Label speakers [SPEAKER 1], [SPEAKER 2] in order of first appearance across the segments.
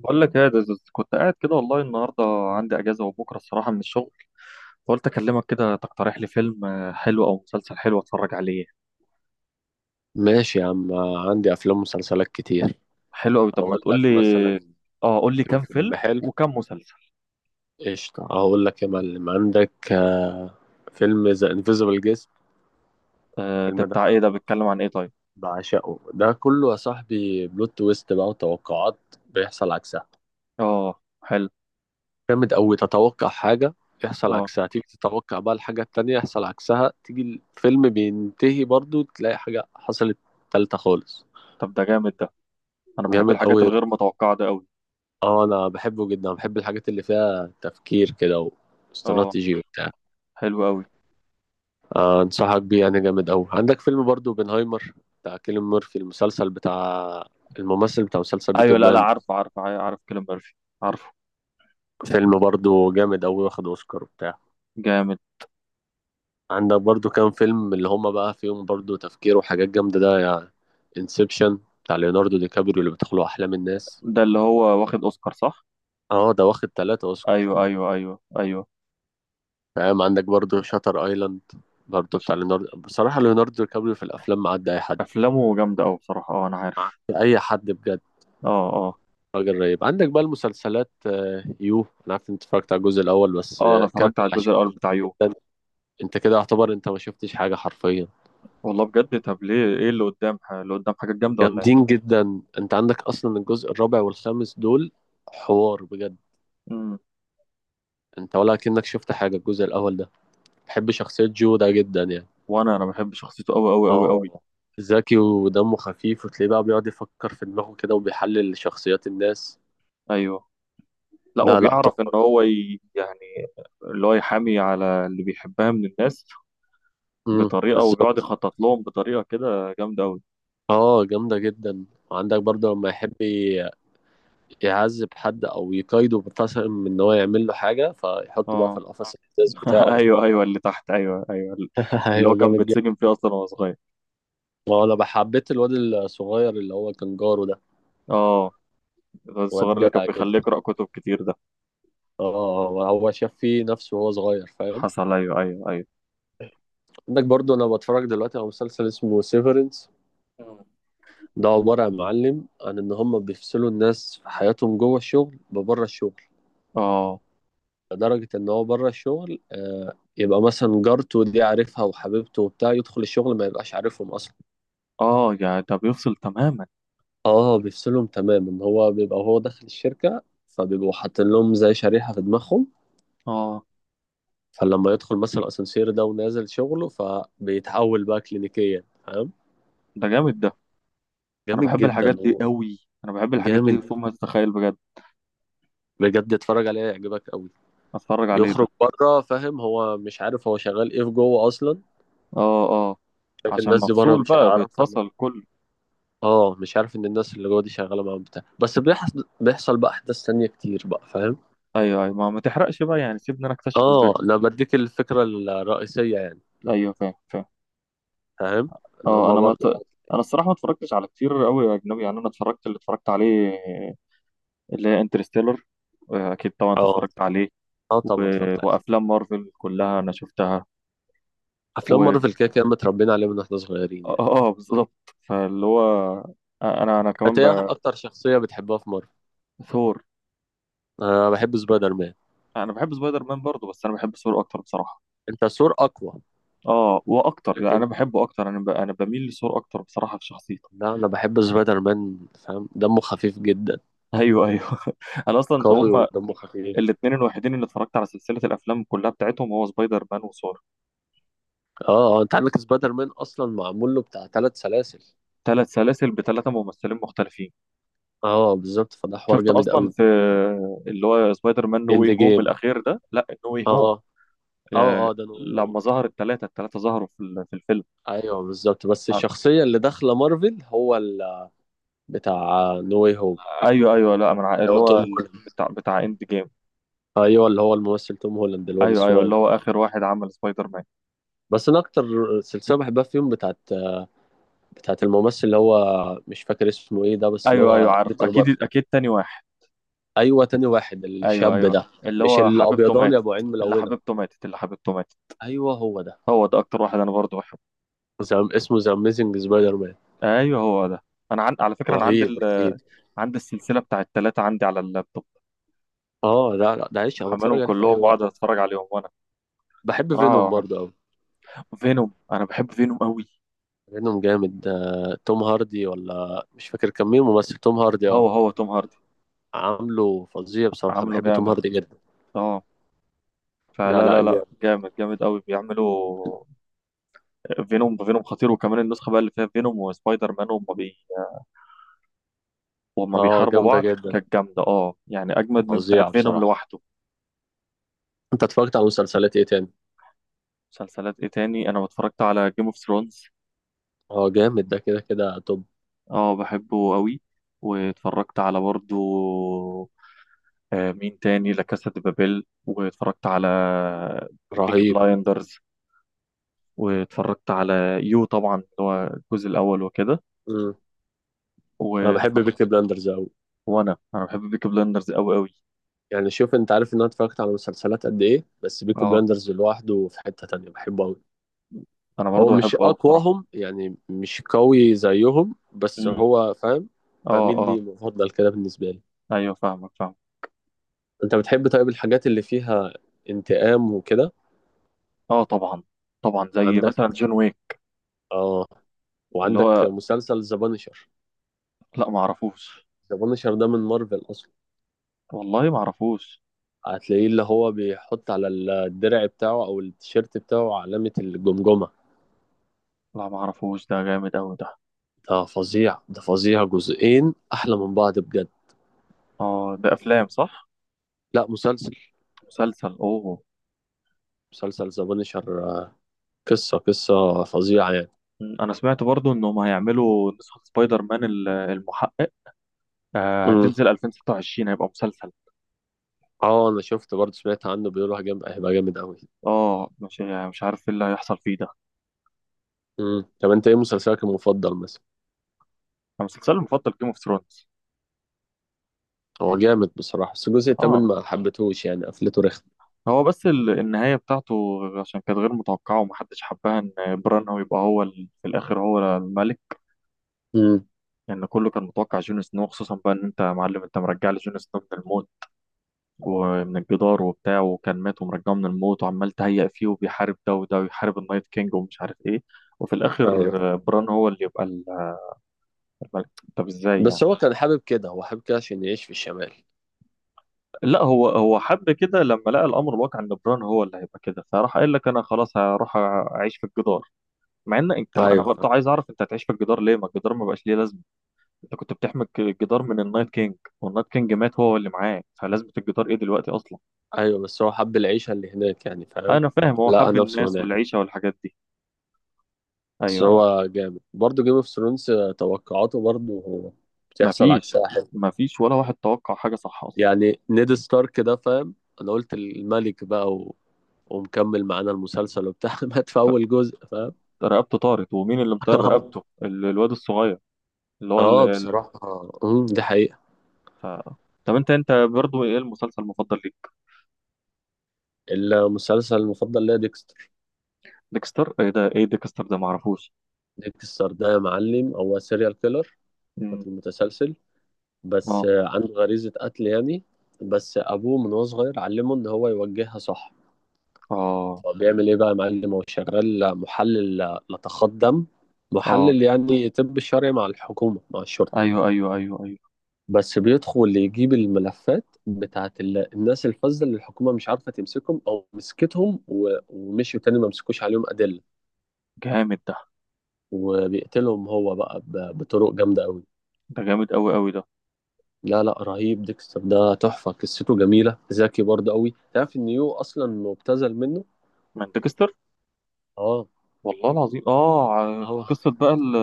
[SPEAKER 1] بقول لك ايه يا دزوز، كنت قاعد كده والله النهارده عندي اجازه وبكره الصراحه من الشغل، فقلت اكلمك كده تقترح لي فيلم حلو او مسلسل حلو اتفرج عليه.
[SPEAKER 2] ماشي يا عم. عندي افلام ومسلسلات كتير.
[SPEAKER 1] حلو قوي، طب ما
[SPEAKER 2] اقول لك
[SPEAKER 1] تقول لي.
[SPEAKER 2] مثلا
[SPEAKER 1] اه قول لي
[SPEAKER 2] كم
[SPEAKER 1] كام فيلم
[SPEAKER 2] فيلم حلو.
[SPEAKER 1] وكام مسلسل.
[SPEAKER 2] قشطة، اقول لك يا معلم. عندك فيلم ذا انفيزبل جيست.
[SPEAKER 1] آه ده
[SPEAKER 2] الفيلم ده
[SPEAKER 1] بتاع ايه؟ ده بيتكلم عن ايه طيب؟
[SPEAKER 2] بعشقه، ده كله يا صاحبي بلوت تويست بقى، وتوقعات بيحصل عكسها.
[SPEAKER 1] اه حلو.
[SPEAKER 2] جامد قوي. تتوقع حاجة يحصل
[SPEAKER 1] اه
[SPEAKER 2] عكسها، تيجي تتوقع بقى الحاجة التانية يحصل عكسها، تيجي الفيلم بينتهي برضو تلاقي حاجة حصلت تالتة خالص.
[SPEAKER 1] طب ده جامد ده. انا بحب
[SPEAKER 2] جامد
[SPEAKER 1] الحاجات
[SPEAKER 2] قوي.
[SPEAKER 1] الغير متوقعه ده قوي.
[SPEAKER 2] اه انا بحبه جدا، بحب الحاجات اللي فيها تفكير كده
[SPEAKER 1] اه
[SPEAKER 2] واستراتيجي وبتاع.
[SPEAKER 1] حلو قوي.
[SPEAKER 2] انصحك بيه يعني، جامد قوي. عندك فيلم برضو اوبنهايمر بتاع كيليان ميرفي، المسلسل بتاع الممثل بتاع مسلسل بيكي
[SPEAKER 1] ايوه، لا
[SPEAKER 2] بلاند.
[SPEAKER 1] عارف عارف عارف كيليان ميرفي، عارفه.
[SPEAKER 2] فيلم برضو جامد قوي، واخد اوسكار وبتاع.
[SPEAKER 1] جامد.
[SPEAKER 2] عندك برضو كام فيلم اللي هما بقى فيهم برضو تفكير وحاجات جامدة ده يعني. انسبشن بتاع ليوناردو دي كابريو، اللي بيدخلوا احلام الناس.
[SPEAKER 1] ده اللي هو واخد اوسكار صح؟
[SPEAKER 2] اه ده واخد ثلاثة اوسكار.
[SPEAKER 1] ايوه ايوه ايوه ايوه.
[SPEAKER 2] فاهم؟ عندك برضو شاتر ايلاند، برضو بتاع ليوناردو. بصراحة ليوناردو دي كابريو في الافلام معدي اي حد،
[SPEAKER 1] افلامه جامده قوي بصراحه، اه انا عارف.
[SPEAKER 2] اي حد بجد.
[SPEAKER 1] اه اه.
[SPEAKER 2] راجل رهيب. عندك بقى المسلسلات يو. انا عارف إن انت اتفرجت على الجزء الاول بس،
[SPEAKER 1] اه انا
[SPEAKER 2] كمل
[SPEAKER 1] اتفرجت على الجزء
[SPEAKER 2] عشان
[SPEAKER 1] الاول
[SPEAKER 2] جامد
[SPEAKER 1] بتاع يو.
[SPEAKER 2] جدا. انت كده يعتبر انت ما شفتش حاجه حرفيا.
[SPEAKER 1] والله بجد، طب ليه؟ ايه اللي قدام اللي قدام حاجات جامده ولا ايه؟
[SPEAKER 2] جامدين جدا، انت عندك اصلا الجزء الرابع والخامس دول حوار بجد.
[SPEAKER 1] امم
[SPEAKER 2] انت ولا كأنك شفت حاجه الجزء الاول ده. بحب شخصيه جو ده جدا يعني.
[SPEAKER 1] وانا بحب شخصيته قوي قوي قوي
[SPEAKER 2] اه
[SPEAKER 1] قوي.
[SPEAKER 2] ذكي ودمه خفيف، وتلاقيه بقى بيقعد يفكر في دماغه كده وبيحلل شخصيات الناس.
[SPEAKER 1] ايوه. لا
[SPEAKER 2] لا لا
[SPEAKER 1] وبيعرف ان
[SPEAKER 2] تحفه.
[SPEAKER 1] هو يعني اللي هو يحامي على اللي بيحبها من الناس، بطريقه، وبيقعد
[SPEAKER 2] بالظبط.
[SPEAKER 1] يخطط لهم بطريقه كده جامده قوي.
[SPEAKER 2] اه جامدة جدا. وعندك برضه لما يحب يعذب حد او يقايده، مثلا من ان هو يعمل له حاجة فيحطه بقى في
[SPEAKER 1] اه.
[SPEAKER 2] القفص الازاز بتاعه ده.
[SPEAKER 1] ايوه ايوه اللي تحت، ايوه ايوه. اللي هو
[SPEAKER 2] ايوه
[SPEAKER 1] كان
[SPEAKER 2] جامد جدا.
[SPEAKER 1] بيتسجن فيه اصلا وهو صغير.
[SPEAKER 2] ما هو انا حبيت الواد الصغير اللي هو كان جاره ده.
[SPEAKER 1] اه الواد
[SPEAKER 2] واد
[SPEAKER 1] الصغير اللي كان
[SPEAKER 2] جدع
[SPEAKER 1] بيخليه
[SPEAKER 2] جدا.
[SPEAKER 1] يقرا كتب كتير ده.
[SPEAKER 2] اه هو شاف فيه نفسه وهو صغير، فاهم؟
[SPEAKER 1] حصل، ايوه ايوه ايوه.
[SPEAKER 2] عندك برضه، انا بتفرج دلوقتي على مسلسل اسمه سيفرنس. ده عبارة يا معلم عن ان هم بيفصلوا الناس في حياتهم جوه الشغل ببره الشغل.
[SPEAKER 1] اه
[SPEAKER 2] لدرجة إن هو بره الشغل يبقى مثلا جارته دي عارفها وحبيبته وبتاع، يدخل الشغل ما يبقاش عارفهم أصلا.
[SPEAKER 1] اه يعني ده بيفصل تماما.
[SPEAKER 2] اه بيفصلهم تماما. هو بيبقى هو داخل الشركة، فبيبقوا حاطين لهم زي شريحة في دماغهم.
[SPEAKER 1] اه
[SPEAKER 2] فلما يدخل مثلا الأسانسير ده ونازل شغله فبيتحول بقى كلينيكيا، فاهم؟
[SPEAKER 1] ده جامد ده. انا
[SPEAKER 2] جامد
[SPEAKER 1] بحب
[SPEAKER 2] جدا
[SPEAKER 1] الحاجات دي
[SPEAKER 2] هو.
[SPEAKER 1] قوي. انا بحب الحاجات دي
[SPEAKER 2] جامد
[SPEAKER 1] فوق ما تتخيل بجد.
[SPEAKER 2] بجد، اتفرج عليه هيعجبك قوي.
[SPEAKER 1] اتفرج عليه
[SPEAKER 2] يخرج
[SPEAKER 1] ده.
[SPEAKER 2] بره، فاهم؟ هو مش عارف هو شغال ايه في جوه اصلا.
[SPEAKER 1] اه اه
[SPEAKER 2] شايف
[SPEAKER 1] عشان
[SPEAKER 2] الناس دي بره
[SPEAKER 1] مفصول
[SPEAKER 2] مش
[SPEAKER 1] بقى،
[SPEAKER 2] هيعرفها.
[SPEAKER 1] بيتفصل كله.
[SPEAKER 2] اه مش عارف ان الناس اللي جوه دي شغاله معاهم بتاع، بس بيحصل بقى احداث تانية كتير بقى، فاهم؟
[SPEAKER 1] ايوه ايوه، ما تحرقش بقى يعني، سيبني انا اكتشف
[SPEAKER 2] اه
[SPEAKER 1] الباقي.
[SPEAKER 2] انا بديك الفكره الرئيسيه يعني.
[SPEAKER 1] ايوه فاهم فاهم.
[SPEAKER 2] فاهم؟ ان
[SPEAKER 1] اه
[SPEAKER 2] هما
[SPEAKER 1] انا ما ت...
[SPEAKER 2] برضه بقى.
[SPEAKER 1] انا الصراحه ما اتفرجتش على كتير قوي اجنبي يعني. انا اتفرجت اللي اتفرجت عليه، اللي هي انترستيلر، اكيد طبعا انت
[SPEAKER 2] اه
[SPEAKER 1] اتفرجت عليه.
[SPEAKER 2] اه
[SPEAKER 1] و...
[SPEAKER 2] طبعا اتفرجت عليها.
[SPEAKER 1] وافلام مارفل كلها انا شفتها.
[SPEAKER 2] افلام
[SPEAKER 1] اه،
[SPEAKER 2] مارفل كده كده متربيين عليها من واحنا صغيرين يعني.
[SPEAKER 1] بالظبط. فاللي هو انا
[SPEAKER 2] انت
[SPEAKER 1] كمان،
[SPEAKER 2] ايه اكتر شخصيه بتحبها في مارفل؟
[SPEAKER 1] ثور.
[SPEAKER 2] انا بحب سبايدر مان.
[SPEAKER 1] انا بحب سبايدر مان برضه، بس انا بحب ثور اكتر بصراحه.
[SPEAKER 2] انت ثور اقوى.
[SPEAKER 1] اه واكتر، يعني
[SPEAKER 2] لكن
[SPEAKER 1] انا بحبه اكتر، انا انا بميل لثور اكتر بصراحه في شخصيته.
[SPEAKER 2] لا، انا بحب سبايدر مان، فاهم؟ دمه خفيف جدا،
[SPEAKER 1] ايوه ايوه. انا اصلا
[SPEAKER 2] قوي
[SPEAKER 1] هم
[SPEAKER 2] ودمه خفيف.
[SPEAKER 1] الاثنين الوحيدين اللي اتفرجت على سلسله الافلام كلها بتاعتهم، هو سبايدر مان وثور.
[SPEAKER 2] اه، انت عندك سبايدر مان اصلا معمول له بتاع ثلاث سلاسل.
[SPEAKER 1] ثلاث سلاسل بثلاثه ممثلين مختلفين.
[SPEAKER 2] اه بالظبط، فده حوار
[SPEAKER 1] شفت
[SPEAKER 2] جامد
[SPEAKER 1] اصلا
[SPEAKER 2] قوي.
[SPEAKER 1] في اللي هو سبايدر مان نو
[SPEAKER 2] اند
[SPEAKER 1] واي هوم
[SPEAKER 2] جيم.
[SPEAKER 1] الاخير ده، لا نو واي هوم.
[SPEAKER 2] اه اه اه، ده نو واي هوم.
[SPEAKER 1] لما ظهر الثلاثه، الثلاثه ظهروا في في الفيلم.
[SPEAKER 2] ايوه بالظبط، بس الشخصيه اللي داخله مارفل هو بتاع نو واي هوم.
[SPEAKER 1] ايوه ايوه، لا من
[SPEAKER 2] هو
[SPEAKER 1] اللي
[SPEAKER 2] توم
[SPEAKER 1] هو
[SPEAKER 2] هولاند.
[SPEAKER 1] بتاع بتاع اند جيم.
[SPEAKER 2] ايوه اللي هو الممثل توم هولاند الواد
[SPEAKER 1] ايوه ايوه اللي
[SPEAKER 2] الصغير.
[SPEAKER 1] هو اخر واحد عمل سبايدر مان.
[SPEAKER 2] بس انا اكتر سلسله بحبها فيهم بتاعت الممثل اللي هو مش فاكر اسمه ايه ده، بس اللي
[SPEAKER 1] ايوه ايوه
[SPEAKER 2] هو
[SPEAKER 1] عارف،
[SPEAKER 2] بيتر باركر.
[SPEAKER 1] اكيد اكيد، تاني واحد.
[SPEAKER 2] ايوه تاني واحد
[SPEAKER 1] ايوه
[SPEAKER 2] الشاب
[SPEAKER 1] ايوه
[SPEAKER 2] ده.
[SPEAKER 1] اللي
[SPEAKER 2] مش
[SPEAKER 1] هو حبيبته
[SPEAKER 2] الابيضاني
[SPEAKER 1] ماتت.
[SPEAKER 2] ابو عين
[SPEAKER 1] اللي
[SPEAKER 2] ملونه؟
[SPEAKER 1] حبيبته ماتت، اللي حبيبته ماتت.
[SPEAKER 2] ايوه هو ده.
[SPEAKER 1] هو ده اكتر واحد انا برضه بحبه.
[SPEAKER 2] اسمه ذا اميزنج سبايدر مان.
[SPEAKER 1] ايوه هو ده. انا على فكره انا عندي
[SPEAKER 2] رهيب رهيب.
[SPEAKER 1] عندي السلسله بتاع الثلاثه عندي على اللابتوب،
[SPEAKER 2] اه لا لا، ده عيش انا بتفرج
[SPEAKER 1] محملهم
[SPEAKER 2] عليه في
[SPEAKER 1] كلهم
[SPEAKER 2] اي
[SPEAKER 1] وقاعد
[SPEAKER 2] وقت.
[SPEAKER 1] اتفرج عليهم وانا.
[SPEAKER 2] بحب فينوم
[SPEAKER 1] صراحه
[SPEAKER 2] برضه قوي.
[SPEAKER 1] بحب فينوم، انا بحب فينوم قوي.
[SPEAKER 2] فينوم جامد ده. توم هاردي، ولا مش فاكر كان مين ممثل، توم هاردي اه.
[SPEAKER 1] هو هو توم هاردي.
[SPEAKER 2] عامله فظيع بصراحة،
[SPEAKER 1] عامله
[SPEAKER 2] بحب توم
[SPEAKER 1] جامد.
[SPEAKER 2] هاردي جدا.
[SPEAKER 1] اه
[SPEAKER 2] لا
[SPEAKER 1] فلا
[SPEAKER 2] لا
[SPEAKER 1] لا
[SPEAKER 2] جامد.
[SPEAKER 1] جامد، جامد قوي بيعملوا. فينوم، فينوم خطير. وكمان النسخه بقى اللي فيها فينوم وسبايدر مان هم، وهما
[SPEAKER 2] اه
[SPEAKER 1] بيحاربوا
[SPEAKER 2] جامدة
[SPEAKER 1] بعض
[SPEAKER 2] جدا،
[SPEAKER 1] كانت جامدة، اه يعني أجمد من بتاعت
[SPEAKER 2] فظيعة
[SPEAKER 1] فينوم
[SPEAKER 2] بصراحة.
[SPEAKER 1] لوحده.
[SPEAKER 2] انت اتفرجت على مسلسلات ايه تاني؟
[SPEAKER 1] مسلسلات إيه تاني؟ أنا اتفرجت على جيم اوف ثرونز.
[SPEAKER 2] اه جامد ده، كده كده توب.
[SPEAKER 1] اه بحبه قوي. واتفرجت على برضو، آه مين تاني، لا كاسا دي بابيل، واتفرجت على بيكي
[SPEAKER 2] رهيب.
[SPEAKER 1] بلايندرز، واتفرجت على يو طبعا اللي هو الجزء الأول وكده،
[SPEAKER 2] مم. انا بحب
[SPEAKER 1] واتفرجت.
[SPEAKER 2] بيكي بلاندرز اوي.
[SPEAKER 1] وأنا أنا بحب بيكي بلايندرز أوي أوي.
[SPEAKER 2] يعني شوف، انت عارف ان انا اتفرجت على مسلسلات قد ايه، بس بيكي
[SPEAKER 1] اه
[SPEAKER 2] بلاندرز لوحده في حتة تانية، بحبه اوي.
[SPEAKER 1] أنا
[SPEAKER 2] هو
[SPEAKER 1] برضو
[SPEAKER 2] مش
[SPEAKER 1] بحبه أوي بصراحة.
[SPEAKER 2] اقواهم يعني، مش قوي زيهم، بس
[SPEAKER 1] مم.
[SPEAKER 2] هو فاهم.
[SPEAKER 1] اه
[SPEAKER 2] بميل
[SPEAKER 1] اه
[SPEAKER 2] ليه، مفضل كده بالنسبة لي.
[SPEAKER 1] أيوه فاهمك فاهمك.
[SPEAKER 2] أنت بتحب طيب الحاجات اللي فيها انتقام وكده؟
[SPEAKER 1] اه طبعا. طبعا زي
[SPEAKER 2] عندك
[SPEAKER 1] مثلا جون ويك.
[SPEAKER 2] آه،
[SPEAKER 1] اللي
[SPEAKER 2] وعندك
[SPEAKER 1] هو،
[SPEAKER 2] مسلسل ذا بانشر.
[SPEAKER 1] لا ما اعرفوش.
[SPEAKER 2] ذا بانشر ده من مارفل أصلا.
[SPEAKER 1] والله ما اعرفوش.
[SPEAKER 2] هتلاقيه اللي هو بيحط على الدرع بتاعه أو التيشيرت بتاعه علامة الجمجمة.
[SPEAKER 1] لا ما اعرفوش، ده جامد قوي ده.
[SPEAKER 2] ده فظيع، ده فظيع، جزئين أحلى من بعض بجد.
[SPEAKER 1] اه ده افلام صح؟
[SPEAKER 2] لا مسلسل.
[SPEAKER 1] مسلسل، اوه.
[SPEAKER 2] مسلسل ذا بانشر. قصة قصة فظيعة يعني.
[SPEAKER 1] انا سمعت برضو انهم هيعملوا نسخة سبايدر مان المحقق،
[SPEAKER 2] امم
[SPEAKER 1] هتنزل 2026، هيبقى مسلسل.
[SPEAKER 2] اه انا شفت برضه، سمعت عنه بيقولوا هيبقى جامد قوي.
[SPEAKER 1] اه مش يعني مش عارف ايه اللي هيحصل فيه ده.
[SPEAKER 2] طب انت ايه مسلسلك المفضل مثلا؟
[SPEAKER 1] أنا مسلسلي المفضل جيم اوف ثرونز.
[SPEAKER 2] هو جامد بصراحة، بس الجزء التامن
[SPEAKER 1] اه
[SPEAKER 2] ما حبيتهوش يعني، قفلته رخم.
[SPEAKER 1] هو بس النهاية بتاعته عشان كانت غير متوقعة ومحدش حبها، ان بران هو يبقى هو في الاخر هو الملك.
[SPEAKER 2] امم.
[SPEAKER 1] لان يعني كله كان متوقع جون سنو خصوصا، بقى ان انت يا معلم انت مرجع لي جون سنو من الموت ومن الجدار وبتاع، وكان مات ومرجعه من الموت وعمال تهيأ فيه وبيحارب ده وده، ويحارب النايت كينج ومش عارف ايه، وفي
[SPEAKER 2] ايوه
[SPEAKER 1] الاخر بران هو اللي يبقى الملك. طب ازاي
[SPEAKER 2] بس
[SPEAKER 1] يعني؟
[SPEAKER 2] هو كان حابب كده، هو حابب كده عشان يعيش في الشمال.
[SPEAKER 1] لا هو هو حب كده لما لقى الامر الواقع ان بران هو اللي هيبقى، كده فراح قال لك انا خلاص هروح اعيش في الجدار. مع ان انت، انا
[SPEAKER 2] ايوه
[SPEAKER 1] برضه
[SPEAKER 2] فاهم.
[SPEAKER 1] عايز اعرف انت هتعيش في الجدار ليه؟ ما الجدار ما بقاش ليه لازمه. انت كنت بتحمي الجدار من النايت كينج، والنايت كينج مات هو اللي معاه، فلازمه الجدار ايه دلوقتي اصلا؟
[SPEAKER 2] ايوه بس هو حب العيشة اللي هناك يعني، فاهم؟
[SPEAKER 1] انا فاهم هو
[SPEAKER 2] لقى
[SPEAKER 1] حب
[SPEAKER 2] نفسه
[SPEAKER 1] الناس
[SPEAKER 2] هناك.
[SPEAKER 1] والعيشه والحاجات دي.
[SPEAKER 2] بس
[SPEAKER 1] ايوه أيوه.
[SPEAKER 2] هو جامد برضه جيم اوف ثرونز. توقعاته برضه هو بتحصل
[SPEAKER 1] مفيش،
[SPEAKER 2] عكسها، حلو.
[SPEAKER 1] مفيش ولا واحد توقع حاجة صح أصلا.
[SPEAKER 2] يعني نيد ستارك ده، فاهم؟ انا قلت الملك بقى ومكمل معانا المسلسل وبتاع، مات في
[SPEAKER 1] ط-
[SPEAKER 2] اول جزء، فاهم؟
[SPEAKER 1] رقبته طارت. ومين اللي مطير
[SPEAKER 2] اه
[SPEAKER 1] رقبته؟ الواد الصغير اللي هو
[SPEAKER 2] اه بصراحة. دي حقيقة.
[SPEAKER 1] ف... طب انت برضو ايه المسلسل المفضل ليك؟
[SPEAKER 2] المسلسل المفضل ليا ديكستر.
[SPEAKER 1] ديكستر ايه ده؟ ايه ديكستر ده؟ معرفوش.
[SPEAKER 2] ديكستر ده يا معلم هو سيريال كيلر،
[SPEAKER 1] مم.
[SPEAKER 2] قاتل متسلسل. بس
[SPEAKER 1] اه
[SPEAKER 2] عنده غريزة قتل يعني. بس أبوه من وهو صغير علمه إن هو يوجهها صح.
[SPEAKER 1] اه
[SPEAKER 2] فبيعمل إيه بقى يا معلم؟ هو شغال محلل لتخاط دم،
[SPEAKER 1] اه.
[SPEAKER 2] محلل يعني طب شرعي مع الحكومة مع الشرطة.
[SPEAKER 1] ايوه ايوه ايوه ايوه.
[SPEAKER 2] بس بيدخل يجيب الملفات بتاعت الناس الفذة اللي الحكومة مش عارفة تمسكهم أو مسكتهم ومشيوا تاني ما مسكوش عليهم أدلة.
[SPEAKER 1] جامد ده.
[SPEAKER 2] وبيقتلهم هو بقى بطرق جامدة أوي.
[SPEAKER 1] ده جامد قوي قوي ده.
[SPEAKER 2] لا لا رهيب، ديكستر ده تحفة، قصته جميلة، ذكي برضه قوي. تعرف ان يو اصلا مبتذل منه؟
[SPEAKER 1] من ديكستر؟
[SPEAKER 2] اه
[SPEAKER 1] والله العظيم. اه
[SPEAKER 2] اه،
[SPEAKER 1] قصة بقى ال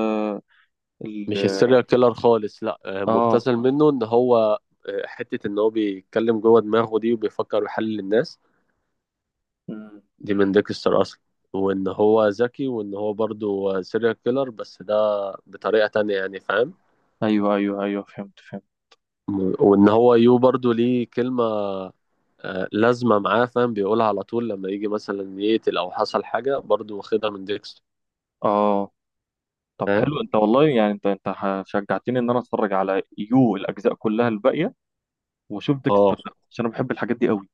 [SPEAKER 1] ال
[SPEAKER 2] مش السيريال كيلر خالص لا،
[SPEAKER 1] اه.
[SPEAKER 2] مبتذل منه ان هو حتة ان هو بيتكلم جوه دماغه دي وبيفكر ويحلل الناس
[SPEAKER 1] مم.
[SPEAKER 2] دي، من ديكستر اصلا. وان هو ذكي وان هو برضه سيريال كيلر بس ده بطريقة تانية يعني، فاهم؟
[SPEAKER 1] ايوه ايوه ايوه، فهمت فهمت.
[SPEAKER 2] وان هو يو برضه ليه كلمة لازمة معاه، فاهم؟ بيقولها على طول لما يجي مثلا يقتل او حصل حاجة، برضه واخدها من ديكستر.
[SPEAKER 1] اه طب
[SPEAKER 2] فاهم؟
[SPEAKER 1] حلو، انت والله يعني، انت شجعتني ان انا اتفرج على يو الاجزاء كلها الباقيه، واشوف ديكستر
[SPEAKER 2] اه
[SPEAKER 1] ده عشان انا بحب الحاجات دي قوي.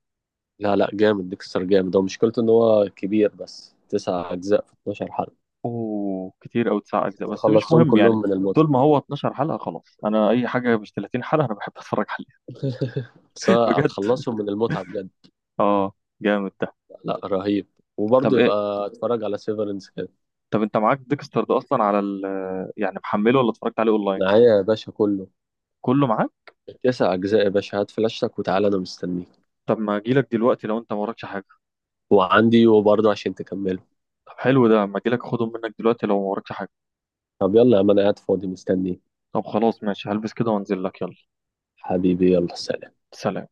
[SPEAKER 2] لا لا جامد، ديكستر جامد. هو مشكلته ان هو كبير، بس تسع اجزاء في 12 حلقه،
[SPEAKER 1] اوه كتير قوي تسع اجزاء، بس مش
[SPEAKER 2] خلصتهم
[SPEAKER 1] مهم
[SPEAKER 2] كلهم
[SPEAKER 1] يعني.
[SPEAKER 2] من المتعه.
[SPEAKER 1] طول ما هو 12 حلقه خلاص، انا اي حاجه مش 30 حلقه انا بحب اتفرج عليها.
[SPEAKER 2] بس أنا
[SPEAKER 1] بجد.
[SPEAKER 2] هتخلصهم من المتعه بجد.
[SPEAKER 1] اه جامد ده.
[SPEAKER 2] لا رهيب. وبرضه
[SPEAKER 1] طب ايه؟
[SPEAKER 2] يبقى اتفرج على سيفرنس كده.
[SPEAKER 1] طب انت معاك ديكستر ده اصلا على ال، يعني محمله ولا اتفرجت عليه اونلاين؟
[SPEAKER 2] معايا يا باشا كله،
[SPEAKER 1] كله معاك.
[SPEAKER 2] تسع اجزاء يا باشا. هات فلاشتك وتعالى انا مستنيك.
[SPEAKER 1] طب ما اجيلك دلوقتي لو انت ما وراكش حاجه.
[SPEAKER 2] وعندي، وبرضه عشان تكمله.
[SPEAKER 1] طب حلو ده، ما اجيلك اخدهم منك دلوقتي لو ما وراكش حاجه.
[SPEAKER 2] طب يلا يا عم، انا قاعد فاضي مستنيك.
[SPEAKER 1] طب خلاص ماشي، هلبس كده وانزل لك. يلا
[SPEAKER 2] حبيبي يلا سلام.
[SPEAKER 1] سلام.